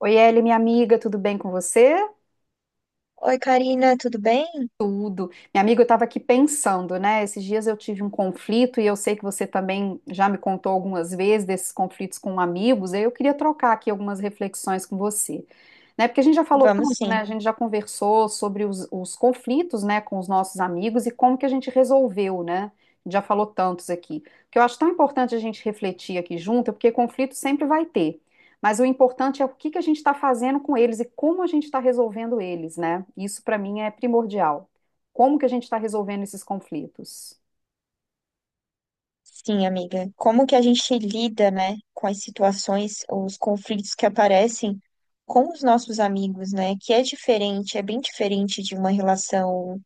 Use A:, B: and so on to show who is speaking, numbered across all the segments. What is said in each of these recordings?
A: Oi, Eli, minha amiga, tudo bem com você?
B: Oi, Karina, tudo bem?
A: Tudo. Minha amiga, eu estava aqui pensando, né? Esses dias eu tive um conflito e eu sei que você também já me contou algumas vezes desses conflitos com amigos, e eu queria trocar aqui algumas reflexões com você, né? Porque a gente já falou
B: Vamos
A: tanto, né?
B: sim.
A: A gente já conversou sobre os conflitos, né, com os nossos amigos e como que a gente resolveu, né? Já falou tantos aqui. O que eu acho tão importante a gente refletir aqui junto, é porque conflito sempre vai ter. Mas o importante é o que que a gente está fazendo com eles e como a gente está resolvendo eles, né? Isso para mim é primordial. Como que a gente está resolvendo esses conflitos?
B: Sim, amiga. Como que a gente lida, né, com as situações, os conflitos que aparecem com os nossos amigos, né? Que é diferente, é bem diferente de uma relação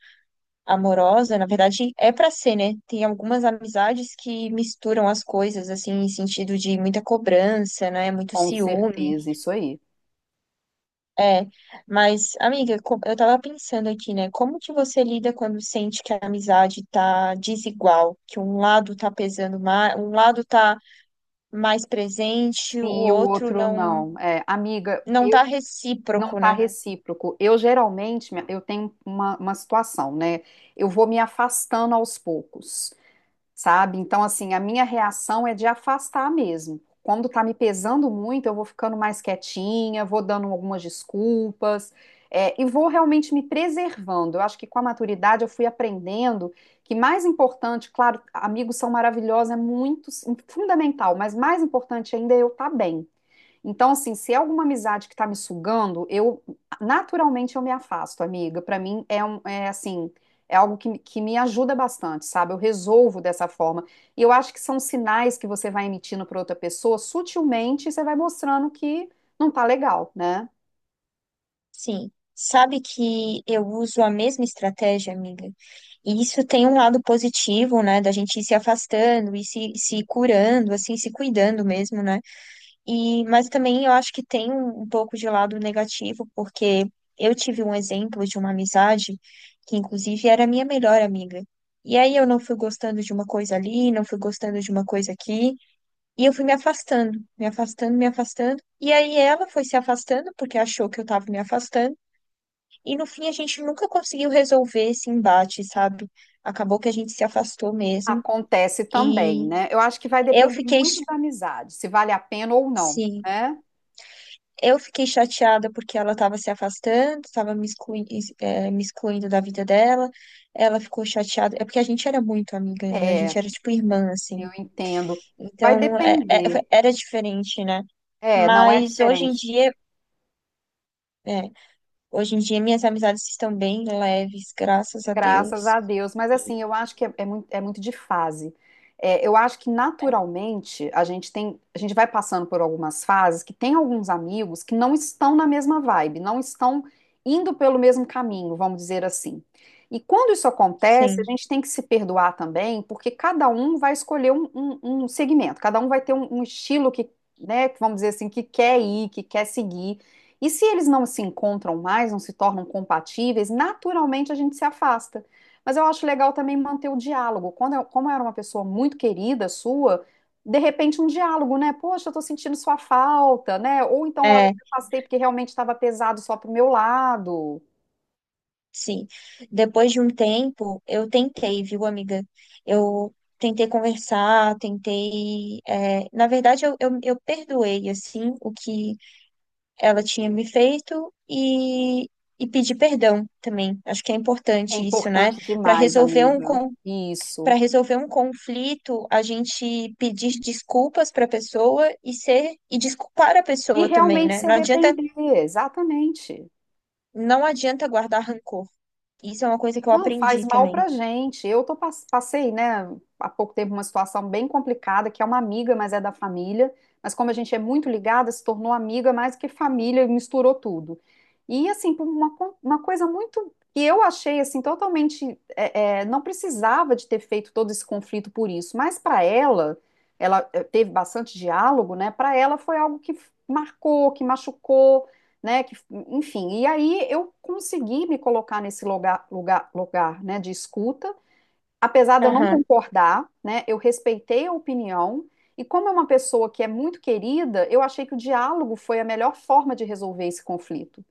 B: amorosa. Na verdade, é pra ser, né? Tem algumas amizades que misturam as coisas, assim, em sentido de muita cobrança, né? Muito
A: Com
B: ciúme.
A: certeza, isso aí.
B: É, mas, amiga, eu tava pensando aqui, né? Como que você lida quando sente que a amizade tá desigual, que um lado tá pesando mais, um lado tá mais presente, o
A: Sim, e o
B: outro
A: outro
B: não
A: não. É, amiga,
B: não
A: eu
B: tá
A: não
B: recíproco,
A: tá
B: né?
A: recíproco. Eu geralmente, eu tenho uma situação, né? Eu vou me afastando aos poucos, sabe? Então, assim, a minha reação é de afastar mesmo. Quando tá me pesando muito, eu vou ficando mais quietinha, vou dando algumas desculpas, e vou realmente me preservando. Eu acho que com a maturidade eu fui aprendendo que mais importante, claro, amigos são maravilhosos, é muito fundamental, mas mais importante ainda é eu estar bem. Então, assim, se é alguma amizade que tá me sugando, eu naturalmente eu me afasto, amiga. Pra mim é um, é assim, é algo que me ajuda bastante, sabe? Eu resolvo dessa forma. E eu acho que são sinais que você vai emitindo pra outra pessoa, sutilmente você vai mostrando que não tá legal, né?
B: Sim. Sabe que eu uso a mesma estratégia, amiga? E isso tem um lado positivo, né? Da gente ir se afastando e se curando, assim, se cuidando mesmo, né? E, mas também eu acho que tem um pouco de lado negativo, porque eu tive um exemplo de uma amizade que, inclusive, era minha melhor amiga. E aí eu não fui gostando de uma coisa ali, não fui gostando de uma coisa aqui, e eu fui me afastando, me afastando, me afastando. E aí ela foi se afastando porque achou que eu tava me afastando, e no fim a gente nunca conseguiu resolver esse embate, sabe? Acabou que a gente se afastou mesmo.
A: Acontece também,
B: E
A: né? Eu acho que vai
B: eu
A: depender
B: fiquei,
A: muito da amizade, se vale a pena ou não,
B: sim,
A: né?
B: eu fiquei chateada porque ela estava se afastando, estava me excluindo da vida dela. Ela ficou chateada. É porque a gente era muito amiga, né? A
A: É,
B: gente era tipo irmã, assim.
A: eu entendo. Vai
B: Então,
A: depender.
B: era diferente, né?
A: É, não é
B: Mas hoje em
A: diferente.
B: dia, é, hoje em dia minhas amizades estão bem leves, graças a
A: Graças
B: Deus.
A: a Deus. Mas
B: E,
A: assim, eu acho que é muito, é muito de fase. É, eu acho que
B: é,
A: naturalmente a gente tem, a gente vai passando por algumas fases que tem alguns amigos que não estão na mesma vibe, não estão indo pelo mesmo caminho, vamos dizer assim. E quando isso acontece, a
B: sim.
A: gente tem que se perdoar também, porque cada um vai escolher um, um segmento, cada um vai ter um, um estilo que, né, vamos dizer assim, que quer ir, que quer seguir. E se eles não se encontram mais, não se tornam compatíveis, naturalmente a gente se afasta. Mas eu acho legal também manter o diálogo. Como eu era uma pessoa muito querida sua, de repente um diálogo, né? Poxa, eu tô sentindo sua falta, né? Ou então, olha, eu
B: É.
A: me afastei porque realmente estava pesado só pro meu lado.
B: Sim. Depois de um tempo, eu tentei, viu, amiga? Eu tentei conversar, tentei. Na verdade, eu perdoei, assim, o que ela tinha me feito e pedi perdão também. Acho que é
A: É
B: importante isso, né?
A: importante
B: Para
A: demais,
B: resolver um
A: amiga.
B: para
A: Isso.
B: resolver um conflito, a gente pedir desculpas para a pessoa e ser e desculpar a
A: E eu
B: pessoa também,
A: realmente
B: né?
A: também se também. Arrepender, exatamente.
B: Não adianta guardar rancor. Isso é uma coisa que eu
A: Não, faz
B: aprendi
A: mal
B: também.
A: pra gente. Eu tô, passei, né, há pouco tempo uma situação bem complicada, que é uma amiga, mas é da família. Mas como a gente é muito ligada, se tornou amiga mais do que família, e misturou tudo. E assim, por uma, uma coisa muito que eu achei assim totalmente, não precisava de ter feito todo esse conflito por isso. Mas para ela, ela teve bastante diálogo, né? Para ela foi algo que marcou, que machucou, né? Que, enfim, e aí eu consegui me colocar nesse lugar, né, de escuta, apesar de eu não
B: Aham.
A: concordar, né? Eu respeitei a opinião. E como é uma pessoa que é muito querida, eu achei que o diálogo foi a melhor forma de resolver esse conflito,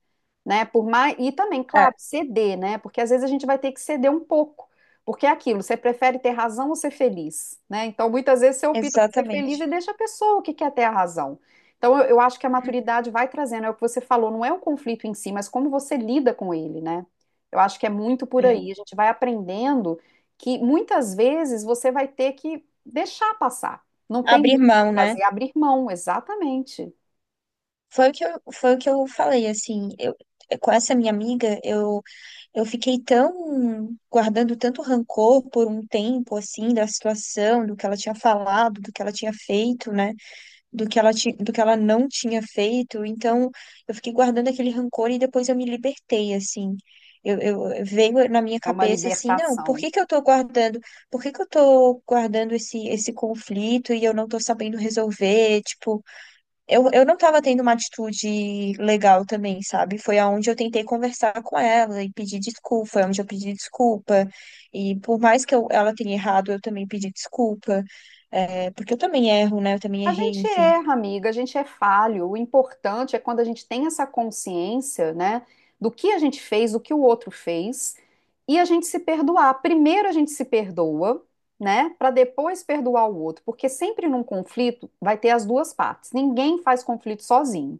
A: né? Por mais e também, claro, ceder, né? Porque às vezes a gente vai ter que ceder um pouco, porque é aquilo, você prefere ter razão ou ser feliz, né? Então, muitas vezes você opta por ser feliz e
B: Exatamente.
A: deixa a pessoa que quer ter a razão. Então, eu acho que a maturidade vai trazendo, é o que você falou, não é o conflito em si, mas como você lida com ele, né? Eu acho que é muito por
B: É.
A: aí, a gente vai aprendendo que muitas vezes você vai ter que deixar passar. Não tem
B: Abrir
A: muito o
B: mão,
A: que
B: né?
A: fazer, abrir mão, exatamente.
B: Foi o que eu falei, assim, com essa minha amiga, eu fiquei tão guardando tanto rancor por um tempo, assim, da situação, do que ela tinha falado, do que ela tinha feito, né? Do que ela não tinha feito. Então, eu fiquei guardando aquele rancor e depois eu me libertei, assim. Veio na minha
A: É uma
B: cabeça assim, não, por
A: libertação.
B: que que eu tô guardando? Por que que eu tô guardando esse conflito e eu não tô sabendo resolver? Tipo, eu não tava tendo uma atitude legal também, sabe? Foi aonde eu tentei conversar com ela e pedir desculpa, foi onde eu pedi desculpa. E por mais que ela tenha errado, eu também pedi desculpa. É, porque eu também erro, né? Eu também
A: A
B: errei,
A: gente
B: enfim.
A: erra, amiga, a gente é falho. O importante é quando a gente tem essa consciência, né, do que a gente fez, do que o outro fez, e a gente se perdoar. Primeiro a gente se perdoa, né, para depois perdoar o outro, porque sempre num conflito vai ter as duas partes. Ninguém faz conflito sozinho,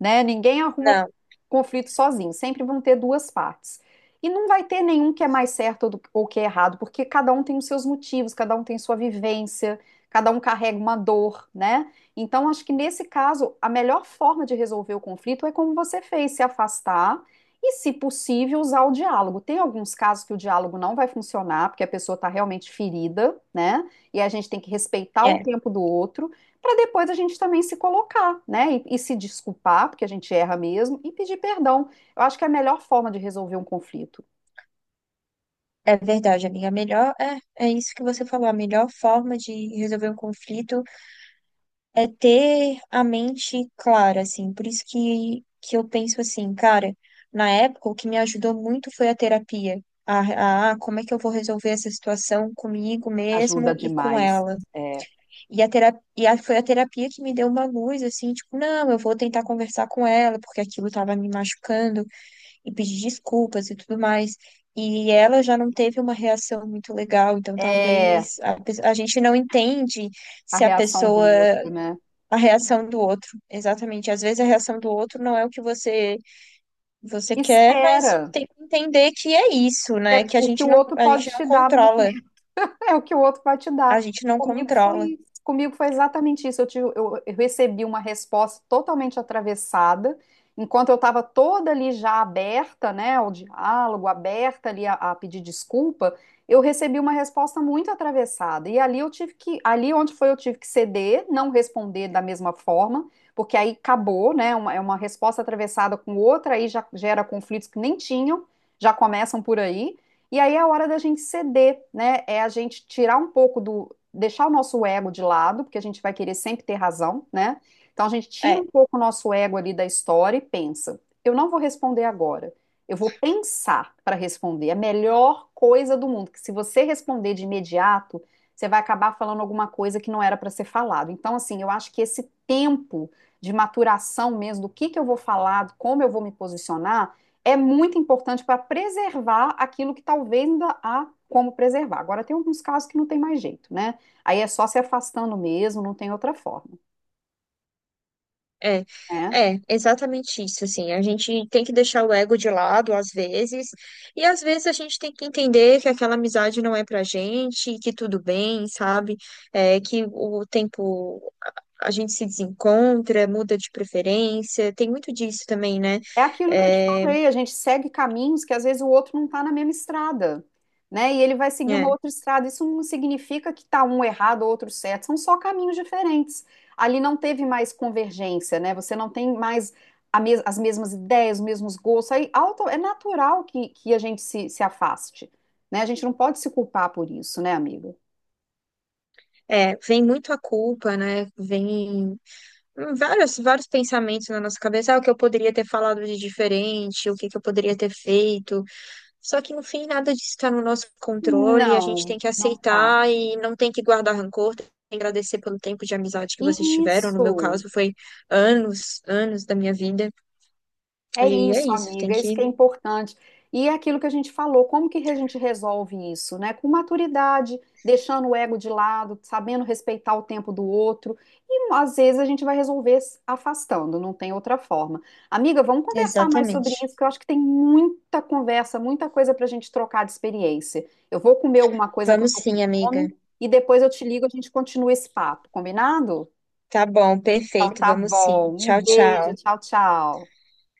A: né? Ninguém arruma
B: Não,
A: conflito sozinho. Sempre vão ter duas partes. E não vai ter nenhum que é mais certo ou ou que é errado, porque cada um tem os seus motivos, cada um tem sua vivência, cada um carrega uma dor, né? Então, acho que nesse caso, a melhor forma de resolver o conflito é como você fez, se afastar e, se possível, usar o diálogo. Tem alguns casos que o diálogo não vai funcionar, porque a pessoa está realmente ferida, né? E a gente tem que respeitar o
B: é,
A: tempo do outro, para depois a gente também se colocar, né? E se desculpar, porque a gente erra mesmo, e pedir perdão. Eu acho que é a melhor forma de resolver um conflito.
B: é verdade, amiga. A melhor, é isso que você falou. A melhor forma de resolver um conflito é ter a mente clara, assim. Por isso que eu penso assim, cara, na época o que me ajudou muito foi a terapia. Como é que eu vou resolver essa situação comigo
A: Ajuda
B: mesmo e com
A: demais.
B: ela?
A: É,
B: E a terapia, e a- foi a terapia que me deu uma luz, assim, tipo, não, eu vou tentar conversar com ela, porque aquilo tava me machucando. E pedir desculpas e tudo mais. E ela já não teve uma reação muito legal, então
A: é
B: talvez a gente não entende
A: a
B: se a
A: reação do
B: pessoa,
A: outro, né?
B: a reação do outro. Exatamente. Às vezes a reação do outro não é o que você quer, mas
A: Espera.
B: tem que entender que é isso, né?
A: É
B: Que
A: o que o outro
B: a gente
A: pode
B: não
A: te dar no
B: controla.
A: momento. É o que o outro vai te
B: A
A: dar.
B: gente não controla.
A: Comigo foi exatamente isso. Eu recebi uma resposta totalmente atravessada, enquanto eu estava toda ali já aberta, né, ao diálogo, aberta ali a pedir desculpa, eu recebi uma resposta muito atravessada. E ali eu tive que, ali onde foi eu tive que ceder, não responder da mesma forma, porque aí acabou, né, é uma resposta atravessada com outra, aí já gera conflitos que nem tinham, já começam por aí. E aí é a hora da gente ceder, né? É a gente tirar um pouco do, deixar o nosso ego de lado, porque a gente vai querer sempre ter razão, né? Então a gente tira
B: É,
A: um pouco o nosso ego ali da história e pensa: eu não vou responder agora. Eu vou pensar para responder. É a melhor coisa do mundo, que se você responder de imediato, você vai acabar falando alguma coisa que não era para ser falado. Então, assim, eu acho que esse tempo de maturação mesmo, do que eu vou falar, como eu vou me posicionar, é muito importante para preservar aquilo que talvez ainda há como preservar. Agora, tem alguns casos que não tem mais jeito, né? Aí é só se afastando mesmo, não tem outra forma,
B: É,
A: né?
B: exatamente isso, assim, a gente tem que deixar o ego de lado às vezes, e às vezes a gente tem que entender que aquela amizade não é pra gente, que tudo bem, sabe? É, que o tempo a gente se desencontra, muda de preferência, tem muito disso também, né?
A: É aquilo que eu te
B: É,
A: falei, a gente segue caminhos que às vezes o outro não está na mesma estrada, né? E ele vai seguir uma
B: é,
A: outra estrada. Isso não significa que está um errado, ou outro certo. São só caminhos diferentes. Ali não teve mais convergência, né? Você não tem mais a as mesmas ideias, os mesmos gostos. Aí é natural que a gente se afaste, né? A gente não pode se culpar por isso, né, amigo?
B: vem muito a culpa, né? Vem vários pensamentos na nossa cabeça, ah, o que eu poderia ter falado de diferente, o que que eu poderia ter feito. Só que no fim nada disso está no nosso controle, a gente
A: Não,
B: tem que
A: não tá.
B: aceitar e não tem que guardar rancor, tem que agradecer pelo tempo de amizade que vocês tiveram. No meu
A: Isso.
B: caso, foi anos, anos da minha vida.
A: É
B: E é
A: isso,
B: isso, tem
A: amiga, é isso que
B: que.
A: é importante. E é aquilo que a gente falou, como que a gente resolve isso, né? Com maturidade, deixando o ego de lado, sabendo respeitar o tempo do outro. E às vezes a gente vai resolver se afastando, não tem outra forma. Amiga, vamos conversar mais sobre
B: Exatamente.
A: isso, que eu acho que tem muita conversa, muita coisa para a gente trocar de experiência. Eu vou comer alguma coisa que eu
B: Vamos
A: tô com
B: sim, amiga.
A: fome e depois eu te ligo, a gente continua esse papo, combinado?
B: Tá bom,
A: Então
B: perfeito,
A: tá
B: vamos sim.
A: bom. Um
B: Tchau,
A: beijo,
B: tchau.
A: tchau, tchau.